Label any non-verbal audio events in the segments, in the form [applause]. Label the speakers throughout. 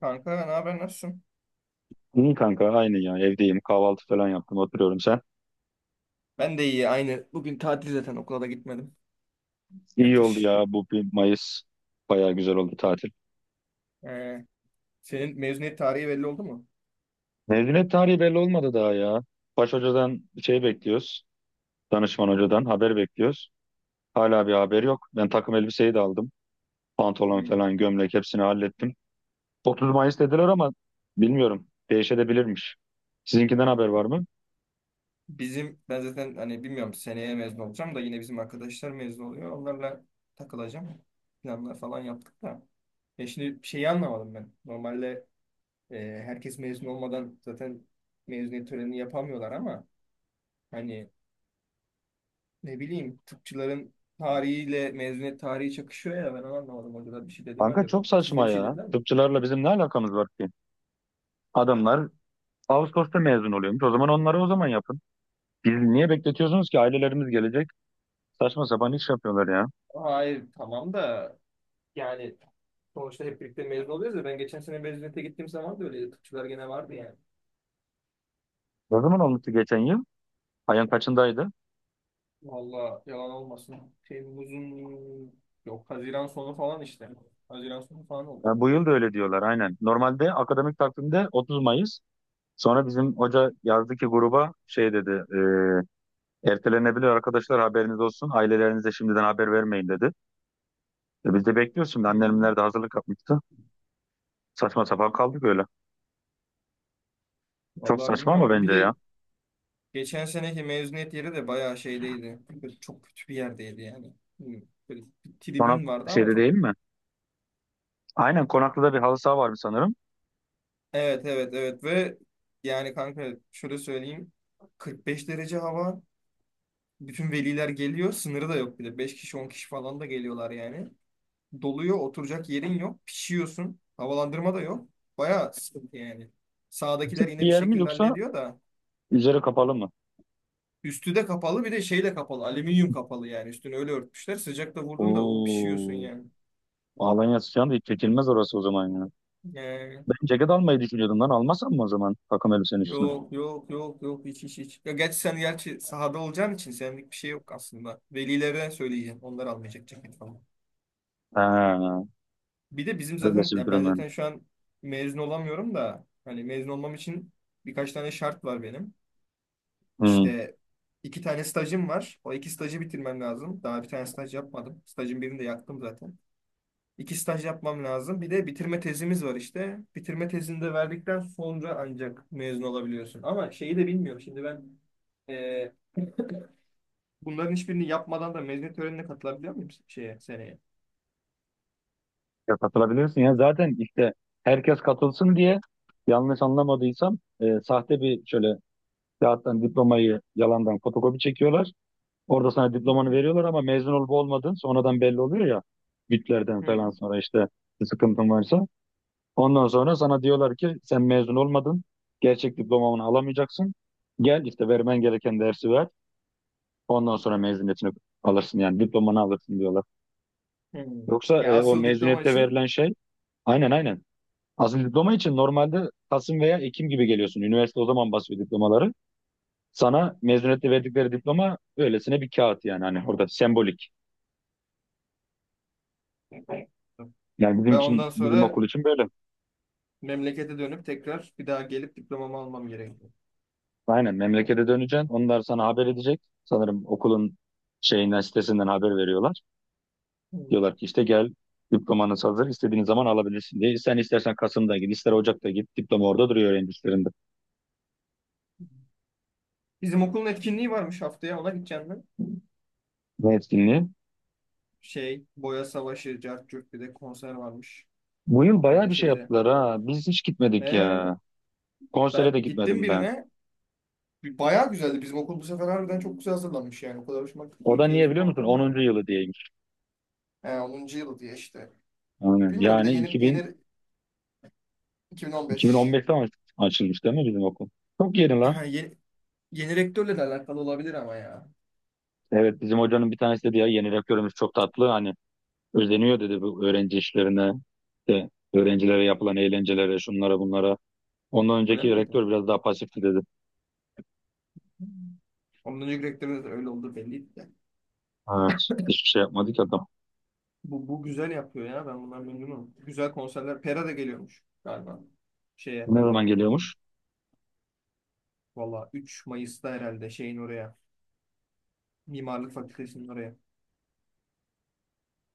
Speaker 1: Kanka ne haber nasılsın?
Speaker 2: İyi kanka aynı ya evdeyim kahvaltı falan yaptım oturuyorum sen.
Speaker 1: Ben de iyi aynı. Bugün tatil zaten okula da gitmedim.
Speaker 2: İyi oldu
Speaker 1: Yatış.
Speaker 2: ya bu 1 Mayıs bayağı güzel oldu tatil.
Speaker 1: Ee, Senin mezuniyet tarihi belli oldu mu?
Speaker 2: Mezuniyet tarihi belli olmadı daha ya. Baş hocadan şey bekliyoruz. Danışman hocadan haber bekliyoruz. Hala bir haber yok. Ben takım elbiseyi de aldım. Pantolon
Speaker 1: Hmm.
Speaker 2: falan gömlek hepsini hallettim. 30 Mayıs dediler ama bilmiyorum değişebilirmiş. Sizinkinden haber var mı?
Speaker 1: Bizim ben zaten hani bilmiyorum seneye mezun olacağım da yine bizim arkadaşlar mezun oluyor. Onlarla takılacağım. Planlar falan yaptık da. Ya şimdi şeyi anlamadım ben. Normalde e, herkes mezun olmadan zaten mezuniyet törenini yapamıyorlar ama hani ne bileyim tıpçıların tarihiyle mezuniyet tarihi çakışıyor ya ben onu anlamadım. Hocalar bir şey dedi mi
Speaker 2: Kanka çok
Speaker 1: acaba? Siz de
Speaker 2: saçma
Speaker 1: bir şey
Speaker 2: ya.
Speaker 1: dediler mi?
Speaker 2: Tıpçılarla bizim ne alakamız var ki? Adamlar Ağustos'ta mezun oluyormuş. O zaman onları o zaman yapın. Biz niye bekletiyorsunuz ki ailelerimiz gelecek? Saçma sapan iş yapıyorlar ya.
Speaker 1: Hayır tamam da yani sonuçta hep birlikte mezun oluyoruz ya ben geçen sene mezuniyete gittiğim zaman da öyle tıpçılar gene vardı yani.
Speaker 2: Ne zaman olmuştu geçen yıl? Ayın kaçındaydı?
Speaker 1: Valla yalan olmasın. Temmuz'un yok, Haziran sonu falan işte. Haziran sonu falan oldu.
Speaker 2: Ha, bu yıl da öyle diyorlar aynen. Normalde akademik takvimde 30 Mayıs. Sonra bizim hoca yazdı ki gruba şey dedi. Ertelenebilir arkadaşlar haberiniz olsun. Ailelerinize şimdiden haber vermeyin dedi. Biz de bekliyoruz şimdi.
Speaker 1: Hı.
Speaker 2: Annemler de hazırlık yapmıştı. Saçma sapan kaldık öyle. Çok
Speaker 1: Vallahi
Speaker 2: saçma ama
Speaker 1: bilmiyorum. Bir
Speaker 2: bence ya.
Speaker 1: de geçen seneki mezuniyet yeri de bayağı şeydeydi. Böyle çok kötü bir yerdeydi yani. Hı. Böyle bir
Speaker 2: Sonra
Speaker 1: tribün vardı ama
Speaker 2: şeyde
Speaker 1: çok.
Speaker 2: değil mi? Aynen Konaklı'da bir halı saha var mı sanırım?
Speaker 1: Evet, evet, evet, ve yani kanka şöyle söyleyeyim. 45 derece hava. Bütün veliler geliyor. Sınırı da yok bir de. 5 kişi 10 kişi falan da geliyorlar yani. Doluyor. Oturacak yerin yok. Pişiyorsun. Havalandırma da yok. Baya sıkıntı yani. Sağdakiler
Speaker 2: Küçük bir
Speaker 1: yine bir
Speaker 2: yer mi
Speaker 1: şekilde
Speaker 2: yoksa
Speaker 1: hallediyor da.
Speaker 2: üzeri kapalı mı?
Speaker 1: Üstü de kapalı, bir de şeyle kapalı. Alüminyum kapalı yani. Üstünü öyle örtmüşler. Sıcakta vurdun da o pişiyorsun
Speaker 2: Oo.
Speaker 1: yani.
Speaker 2: Alanya sıcağında hiç çekilmez orası o zaman ya.
Speaker 1: Yani
Speaker 2: Ben ceket almayı düşünüyordum lan. Almasam mı o zaman takım elbisenin üstüne?
Speaker 1: yok, yok, yok, yok, hiç, hiç, hiç. Ya gerçi sen gerçi sahada olacağın için senlik bir şey yok aslında. Velilere söyleyeceğim. Onlar almayacak ceket falan.
Speaker 2: Ha,
Speaker 1: Bir de bizim zaten
Speaker 2: öylesi bir
Speaker 1: ya
Speaker 2: durum
Speaker 1: ben
Speaker 2: yani.
Speaker 1: zaten şu an mezun olamıyorum da hani mezun olmam için birkaç tane şart var benim.
Speaker 2: Hmm.
Speaker 1: İşte 2 tane stajım var. O 2 stajı bitirmem lazım. Daha bir tane staj yapmadım. Stajın birini de yaktım zaten. 2 staj yapmam lazım. Bir de bitirme tezimiz var işte. Bitirme tezini de verdikten sonra ancak mezun olabiliyorsun. Ama şeyi de bilmiyorum. Şimdi ben e, bunların hiçbirini yapmadan da mezuniyet törenine katılabiliyor muyum şeye seneye?
Speaker 2: Ya katılabilirsin ya. Zaten işte herkes katılsın diye yanlış anlamadıysam sahte bir şöyle kağıttan diplomayı yalandan fotokopi çekiyorlar. Orada sana
Speaker 1: Hı.
Speaker 2: diplomanı veriyorlar ama mezun olup olmadığın sonradan belli oluyor ya. Bütlerden
Speaker 1: Hı.
Speaker 2: falan sonra işte bir sıkıntın varsa. Ondan sonra sana diyorlar ki sen mezun olmadın. Gerçek diplomanı alamayacaksın. Gel işte vermen gereken dersi ver. Ondan sonra mezuniyetini alırsın yani diplomanı alırsın diyorlar.
Speaker 1: Hı.
Speaker 2: Yoksa
Speaker 1: Ya
Speaker 2: o
Speaker 1: asıl diploma
Speaker 2: mezuniyette verilen
Speaker 1: için.
Speaker 2: şey aynen aynen. Asıl diploma için normalde Kasım veya Ekim gibi geliyorsun. Üniversite o zaman basıyor diplomaları. Sana mezuniyette verdikleri diploma öylesine bir kağıt yani hani orada sembolik. Yani bizim
Speaker 1: Ben
Speaker 2: için
Speaker 1: ondan
Speaker 2: bizim
Speaker 1: sonra
Speaker 2: okul için böyle.
Speaker 1: memlekete dönüp tekrar bir daha gelip diplomamı almam gerekiyor.
Speaker 2: Aynen memlekete döneceksin. Onlar sana haber edecek. Sanırım okulun şeyinden sitesinden haber veriyorlar.
Speaker 1: Hmm.
Speaker 2: Diyorlar ki işte gel diplomanız hazır istediğin zaman alabilirsin diye. Sen istersen Kasım'da git ister Ocak'ta git diploma orada duruyor öğrencilerinde.
Speaker 1: Bizim okulun etkinliği varmış, haftaya ona gideceğim ben.
Speaker 2: Ne etkinliği?
Speaker 1: Şey, boya savaşı, cart curt, bir de konser varmış
Speaker 2: Bu yıl bayağı
Speaker 1: okulda
Speaker 2: bir şey
Speaker 1: şeyde.
Speaker 2: yaptılar ha. Biz hiç gitmedik
Speaker 1: Ee,
Speaker 2: ya. Konsere
Speaker 1: Ben
Speaker 2: de
Speaker 1: gittim
Speaker 2: gitmedim ben.
Speaker 1: birine. Bayağı güzeldi. Bizim okul bu sefer harbiden çok güzel hazırlanmış yani. O kadar hoşuma gitti
Speaker 2: O
Speaker 1: ki
Speaker 2: da niye
Speaker 1: keyifli bir
Speaker 2: biliyor musun?
Speaker 1: ortam
Speaker 2: 10.
Speaker 1: vardı.
Speaker 2: yılı diyeymiş.
Speaker 1: He, 10. yıl diye işte.
Speaker 2: Aynen.
Speaker 1: Bilmiyorum, bir de
Speaker 2: Yani
Speaker 1: yeni,
Speaker 2: 2000,
Speaker 1: yeni 2015.
Speaker 2: 2015'te açılmış değil mi bizim okul? Çok yeni lan.
Speaker 1: Ha, yeni, yeni rektörle de alakalı olabilir ama ya.
Speaker 2: Evet bizim hocanın bir tanesi dedi ya yeni rektörümüz çok tatlı. Hani özeniyor dedi bu öğrenci işlerine. De, öğrencilere yapılan eğlencelere şunlara bunlara. Ondan
Speaker 1: Öyle
Speaker 2: önceki
Speaker 1: mi dedi?
Speaker 2: rektör biraz daha pasifti dedi.
Speaker 1: Ondan önceki rektörün de öyle olduğu belliydi de.
Speaker 2: Evet. Hiçbir şey yapmadı ki adam.
Speaker 1: Bu güzel yapıyor ya. Ben bundan memnunum. Güzel konserler. Pera da geliyormuş galiba. Şeye.
Speaker 2: Ne zaman
Speaker 1: Hmm,
Speaker 2: geliyormuş?
Speaker 1: Valla 3 Mayıs'ta herhalde şeyin oraya. Mimarlık Fakültesi'nin oraya.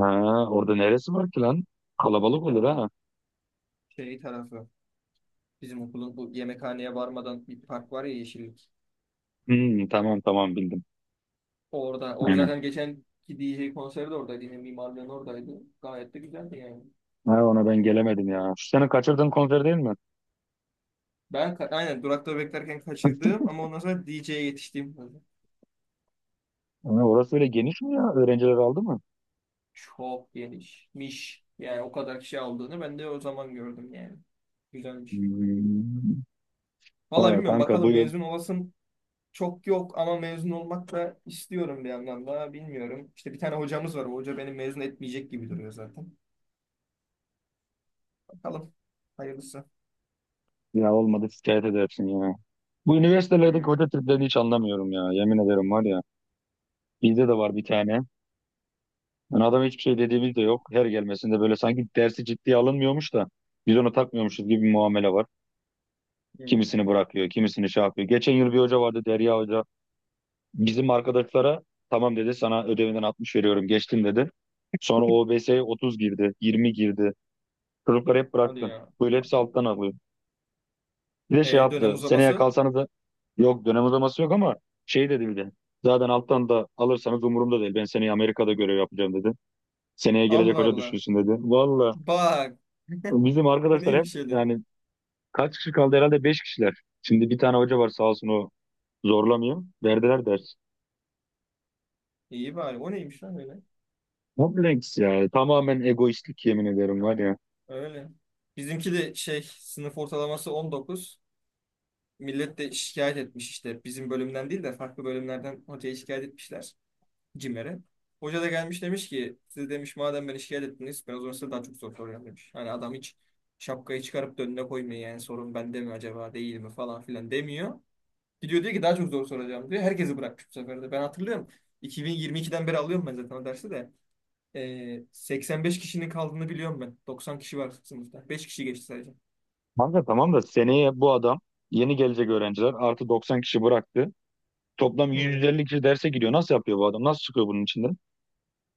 Speaker 2: Ha, orada neresi var ki lan? Kalabalık olur ha.
Speaker 1: Şey tarafı. Bizim okulun bu yemekhaneye varmadan bir park var ya, yeşillik.
Speaker 2: Hmm, tamam tamam bildim.
Speaker 1: Orada. Orada
Speaker 2: Aynen.
Speaker 1: zaten geçen ki DJ konseri de oradaydı. Yine mimarlığın oradaydı. Gayet de güzeldi yani.
Speaker 2: Ha, ona ben gelemedim ya. Şu sene kaçırdığın konser değil mi?
Speaker 1: Ben aynen durakta beklerken kaçırdığım ama
Speaker 2: [laughs]
Speaker 1: ondan sonra DJ'ye yetiştiğim kadar.
Speaker 2: Ha, orası öyle geniş mi ya? Öğrenciler aldı mı?
Speaker 1: Çok genişmiş. Yani o kadar kişi aldığını ben de o zaman gördüm yani. Güzelmiş.
Speaker 2: Hmm.
Speaker 1: Valla
Speaker 2: Valla
Speaker 1: bilmiyorum
Speaker 2: kanka bu
Speaker 1: bakalım,
Speaker 2: yıl
Speaker 1: mezun olasım çok yok ama mezun olmak da istiyorum bir yandan da, bilmiyorum. İşte bir tane hocamız var. O hoca beni mezun etmeyecek gibi duruyor zaten. Bakalım. Hayırlısı.
Speaker 2: ya olmadı şikayet edersin ya. Bu üniversitelerdeki
Speaker 1: Hı,
Speaker 2: hoca triplerini hiç anlamıyorum ya. Yemin ederim var ya. Bizde de var bir tane. Yani adam hiçbir şey dediğimiz de yok. Her gelmesinde böyle sanki dersi ciddiye alınmıyormuş da biz onu takmıyormuşuz gibi bir muamele var.
Speaker 1: hı.
Speaker 2: Kimisini bırakıyor, kimisini şey yapıyor. Geçen yıl bir hoca vardı Derya Hoca. Bizim arkadaşlara tamam dedi sana ödevinden 60 veriyorum geçtin dedi. Sonra o OBS'ye 30 girdi, 20 girdi. Çocukları hep
Speaker 1: Hadi
Speaker 2: bıraktı.
Speaker 1: ya.
Speaker 2: Böyle hepsi alttan alıyor. Bir de şey
Speaker 1: Dönem
Speaker 2: yaptı. Seneye
Speaker 1: uzaması.
Speaker 2: kalsanız da yok dönem uzaması yok ama şey dedi bir de. Zaten alttan da alırsanız umurumda değil. Ben seneye Amerika'da görev yapacağım dedi. Seneye gelecek
Speaker 1: Allah
Speaker 2: hoca
Speaker 1: Allah.
Speaker 2: düşünsün dedi. Valla
Speaker 1: Bak. [laughs]
Speaker 2: bizim
Speaker 1: O
Speaker 2: arkadaşlar hep
Speaker 1: neymiş öyle?
Speaker 2: yani kaç kişi kaldı herhalde 5 kişiler. Şimdi bir tane hoca var sağ olsun o zorlamıyor. Verdiler ders.
Speaker 1: İyi bari. O neymiş lan öyle?
Speaker 2: Kompleks ya. Tamamen egoistlik yemin ederim var ya.
Speaker 1: Öyle. Bizimki de şey, sınıf ortalaması 19. Millet de şikayet etmiş işte. Bizim bölümden değil de farklı bölümlerden hocaya şikayet etmişler. CİMER'e. Hoca da gelmiş, demiş ki siz demiş madem beni şikayet ettiniz ben o zaman size daha çok soru soracağım demiş. Hani adam hiç şapkayı çıkarıp da önüne koymuyor yani, sorun bende mi acaba değil mi falan filan demiyor. Gidiyor diyor ki daha çok zor soracağım diyor. Herkesi bırakmış bu sefer de. Ben hatırlıyorum. 2022'den beri alıyorum ben zaten o dersi de. 85 kişinin kaldığını biliyorum ben. 90 kişi var sınıfta. 5 kişi geçti sadece.
Speaker 2: Kanka tamam da seneye bu adam yeni gelecek öğrenciler artı 90 kişi bıraktı. Toplam
Speaker 1: Hmm.
Speaker 2: 150 kişi derse gidiyor. Nasıl yapıyor bu adam? Nasıl çıkıyor bunun içinden?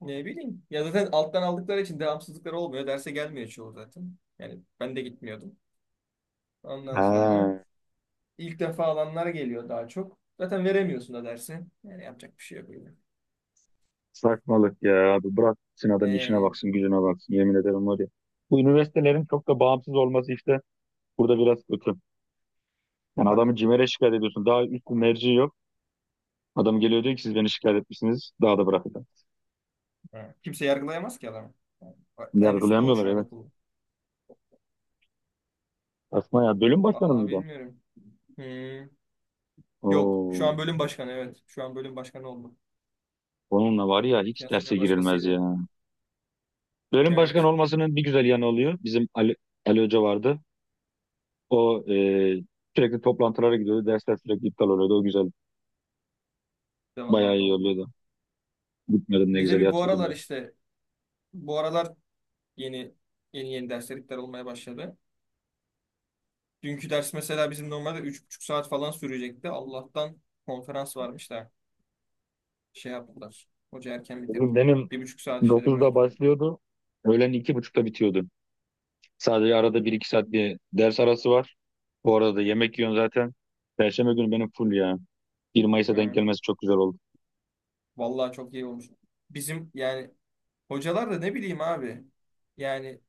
Speaker 1: Ne bileyim. Ya zaten alttan aldıkları için devamsızlıkları olmuyor. Derse gelmiyor çoğu zaten. Yani ben de gitmiyordum. Ondan sonra
Speaker 2: Ha,
Speaker 1: İlk defa alanlar geliyor daha çok. Zaten veremiyorsun da dersi. Yani yapacak bir şey yok öyle.
Speaker 2: saçmalık ya abi. Bıraksın adam işine
Speaker 1: Ee,
Speaker 2: baksın, gücüne baksın. Yemin ederim var ya. Bu üniversitelerin çok da bağımsız olması işte burada biraz kötü. Yani
Speaker 1: tabii.
Speaker 2: adamı CİMER'e şikayet ediyorsun. Daha üst bir merci yok. Adam geliyor diyor ki siz beni şikayet etmişsiniz. Daha da bırakacağım.
Speaker 1: Ha. Kimse yargılayamaz ki adamı. Bak, en üstte o
Speaker 2: Yargılayamıyorlar
Speaker 1: şu an
Speaker 2: evet.
Speaker 1: okulu.
Speaker 2: Asma ya. Bölüm başkanı mı
Speaker 1: Vallahi
Speaker 2: bir de?
Speaker 1: bilmiyorum. Hmm. Yok. Şu
Speaker 2: Oo.
Speaker 1: an bölüm başkanı evet. Şu an bölüm başkanı oldu.
Speaker 2: Onunla var ya
Speaker 1: Geçen
Speaker 2: hiç derse
Speaker 1: sene
Speaker 2: girilmez
Speaker 1: başkasıydı.
Speaker 2: ya. Bölüm başkanı
Speaker 1: Evet.
Speaker 2: olmasının bir güzel yanı oluyor. Bizim Ali Hoca vardı. O sürekli toplantılara gidiyordu. Dersler sürekli iptal oluyordu. O güzel.
Speaker 1: Bir de
Speaker 2: Bayağı
Speaker 1: vallahi
Speaker 2: iyi
Speaker 1: dolmuyor.
Speaker 2: oluyordu. Gitmedim ne
Speaker 1: Bize
Speaker 2: güzel
Speaker 1: bir bu
Speaker 2: yatıyordum
Speaker 1: aralar
Speaker 2: ya.
Speaker 1: işte bu aralar yeni, yeni, yeni derslikler olmaya başladı. Dünkü ders mesela bizim normalde 3,5 saat falan sürecekti. Allah'tan konferans varmış da şey yaptılar. Hoca erken bitirdi.
Speaker 2: Benim
Speaker 1: 1,5 saat işledi böyle.
Speaker 2: 9'da başlıyordu. Öğlen iki buçukta bitiyordu. Sadece arada bir iki saat bir ders arası var. Bu arada da yemek yiyorsun zaten. Perşembe günü benim full ya. 1 Mayıs'a denk
Speaker 1: Ee,
Speaker 2: gelmesi çok güzel oldu.
Speaker 1: Vallahi çok iyi olmuş. Bizim yani hocalar da ne bileyim abi. Yani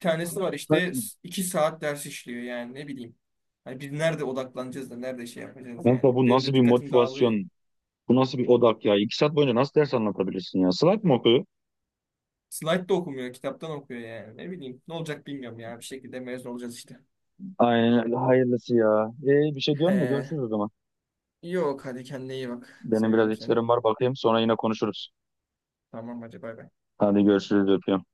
Speaker 1: bir tanesi var işte
Speaker 2: Zaten.
Speaker 1: 2 saat ders işliyor yani ne bileyim. Hani biz nerede odaklanacağız da nerede şey yapacağız
Speaker 2: Kanka
Speaker 1: yani.
Speaker 2: bu
Speaker 1: Benim
Speaker 2: nasıl
Speaker 1: de
Speaker 2: bir
Speaker 1: dikkatim dağılıyor.
Speaker 2: motivasyon? Bu nasıl bir odak ya? 2 saat boyunca nasıl ders anlatabilirsin ya? Slack mı okuyor?
Speaker 1: Slide de okumuyor, kitaptan okuyor yani. Ne bileyim ne olacak bilmiyorum ya. Bir şekilde mezun olacağız işte.
Speaker 2: Aynen öyle. Hayırlısı ya. Bir şey diyor mu?
Speaker 1: He.
Speaker 2: Görüşürüz o zaman.
Speaker 1: Yok, hadi kendine iyi bak.
Speaker 2: Benim biraz
Speaker 1: Seviyorum seni.
Speaker 2: işlerim var bakayım sonra yine konuşuruz.
Speaker 1: Tamam, hadi bay bay.
Speaker 2: Hadi görüşürüz öpüyorum.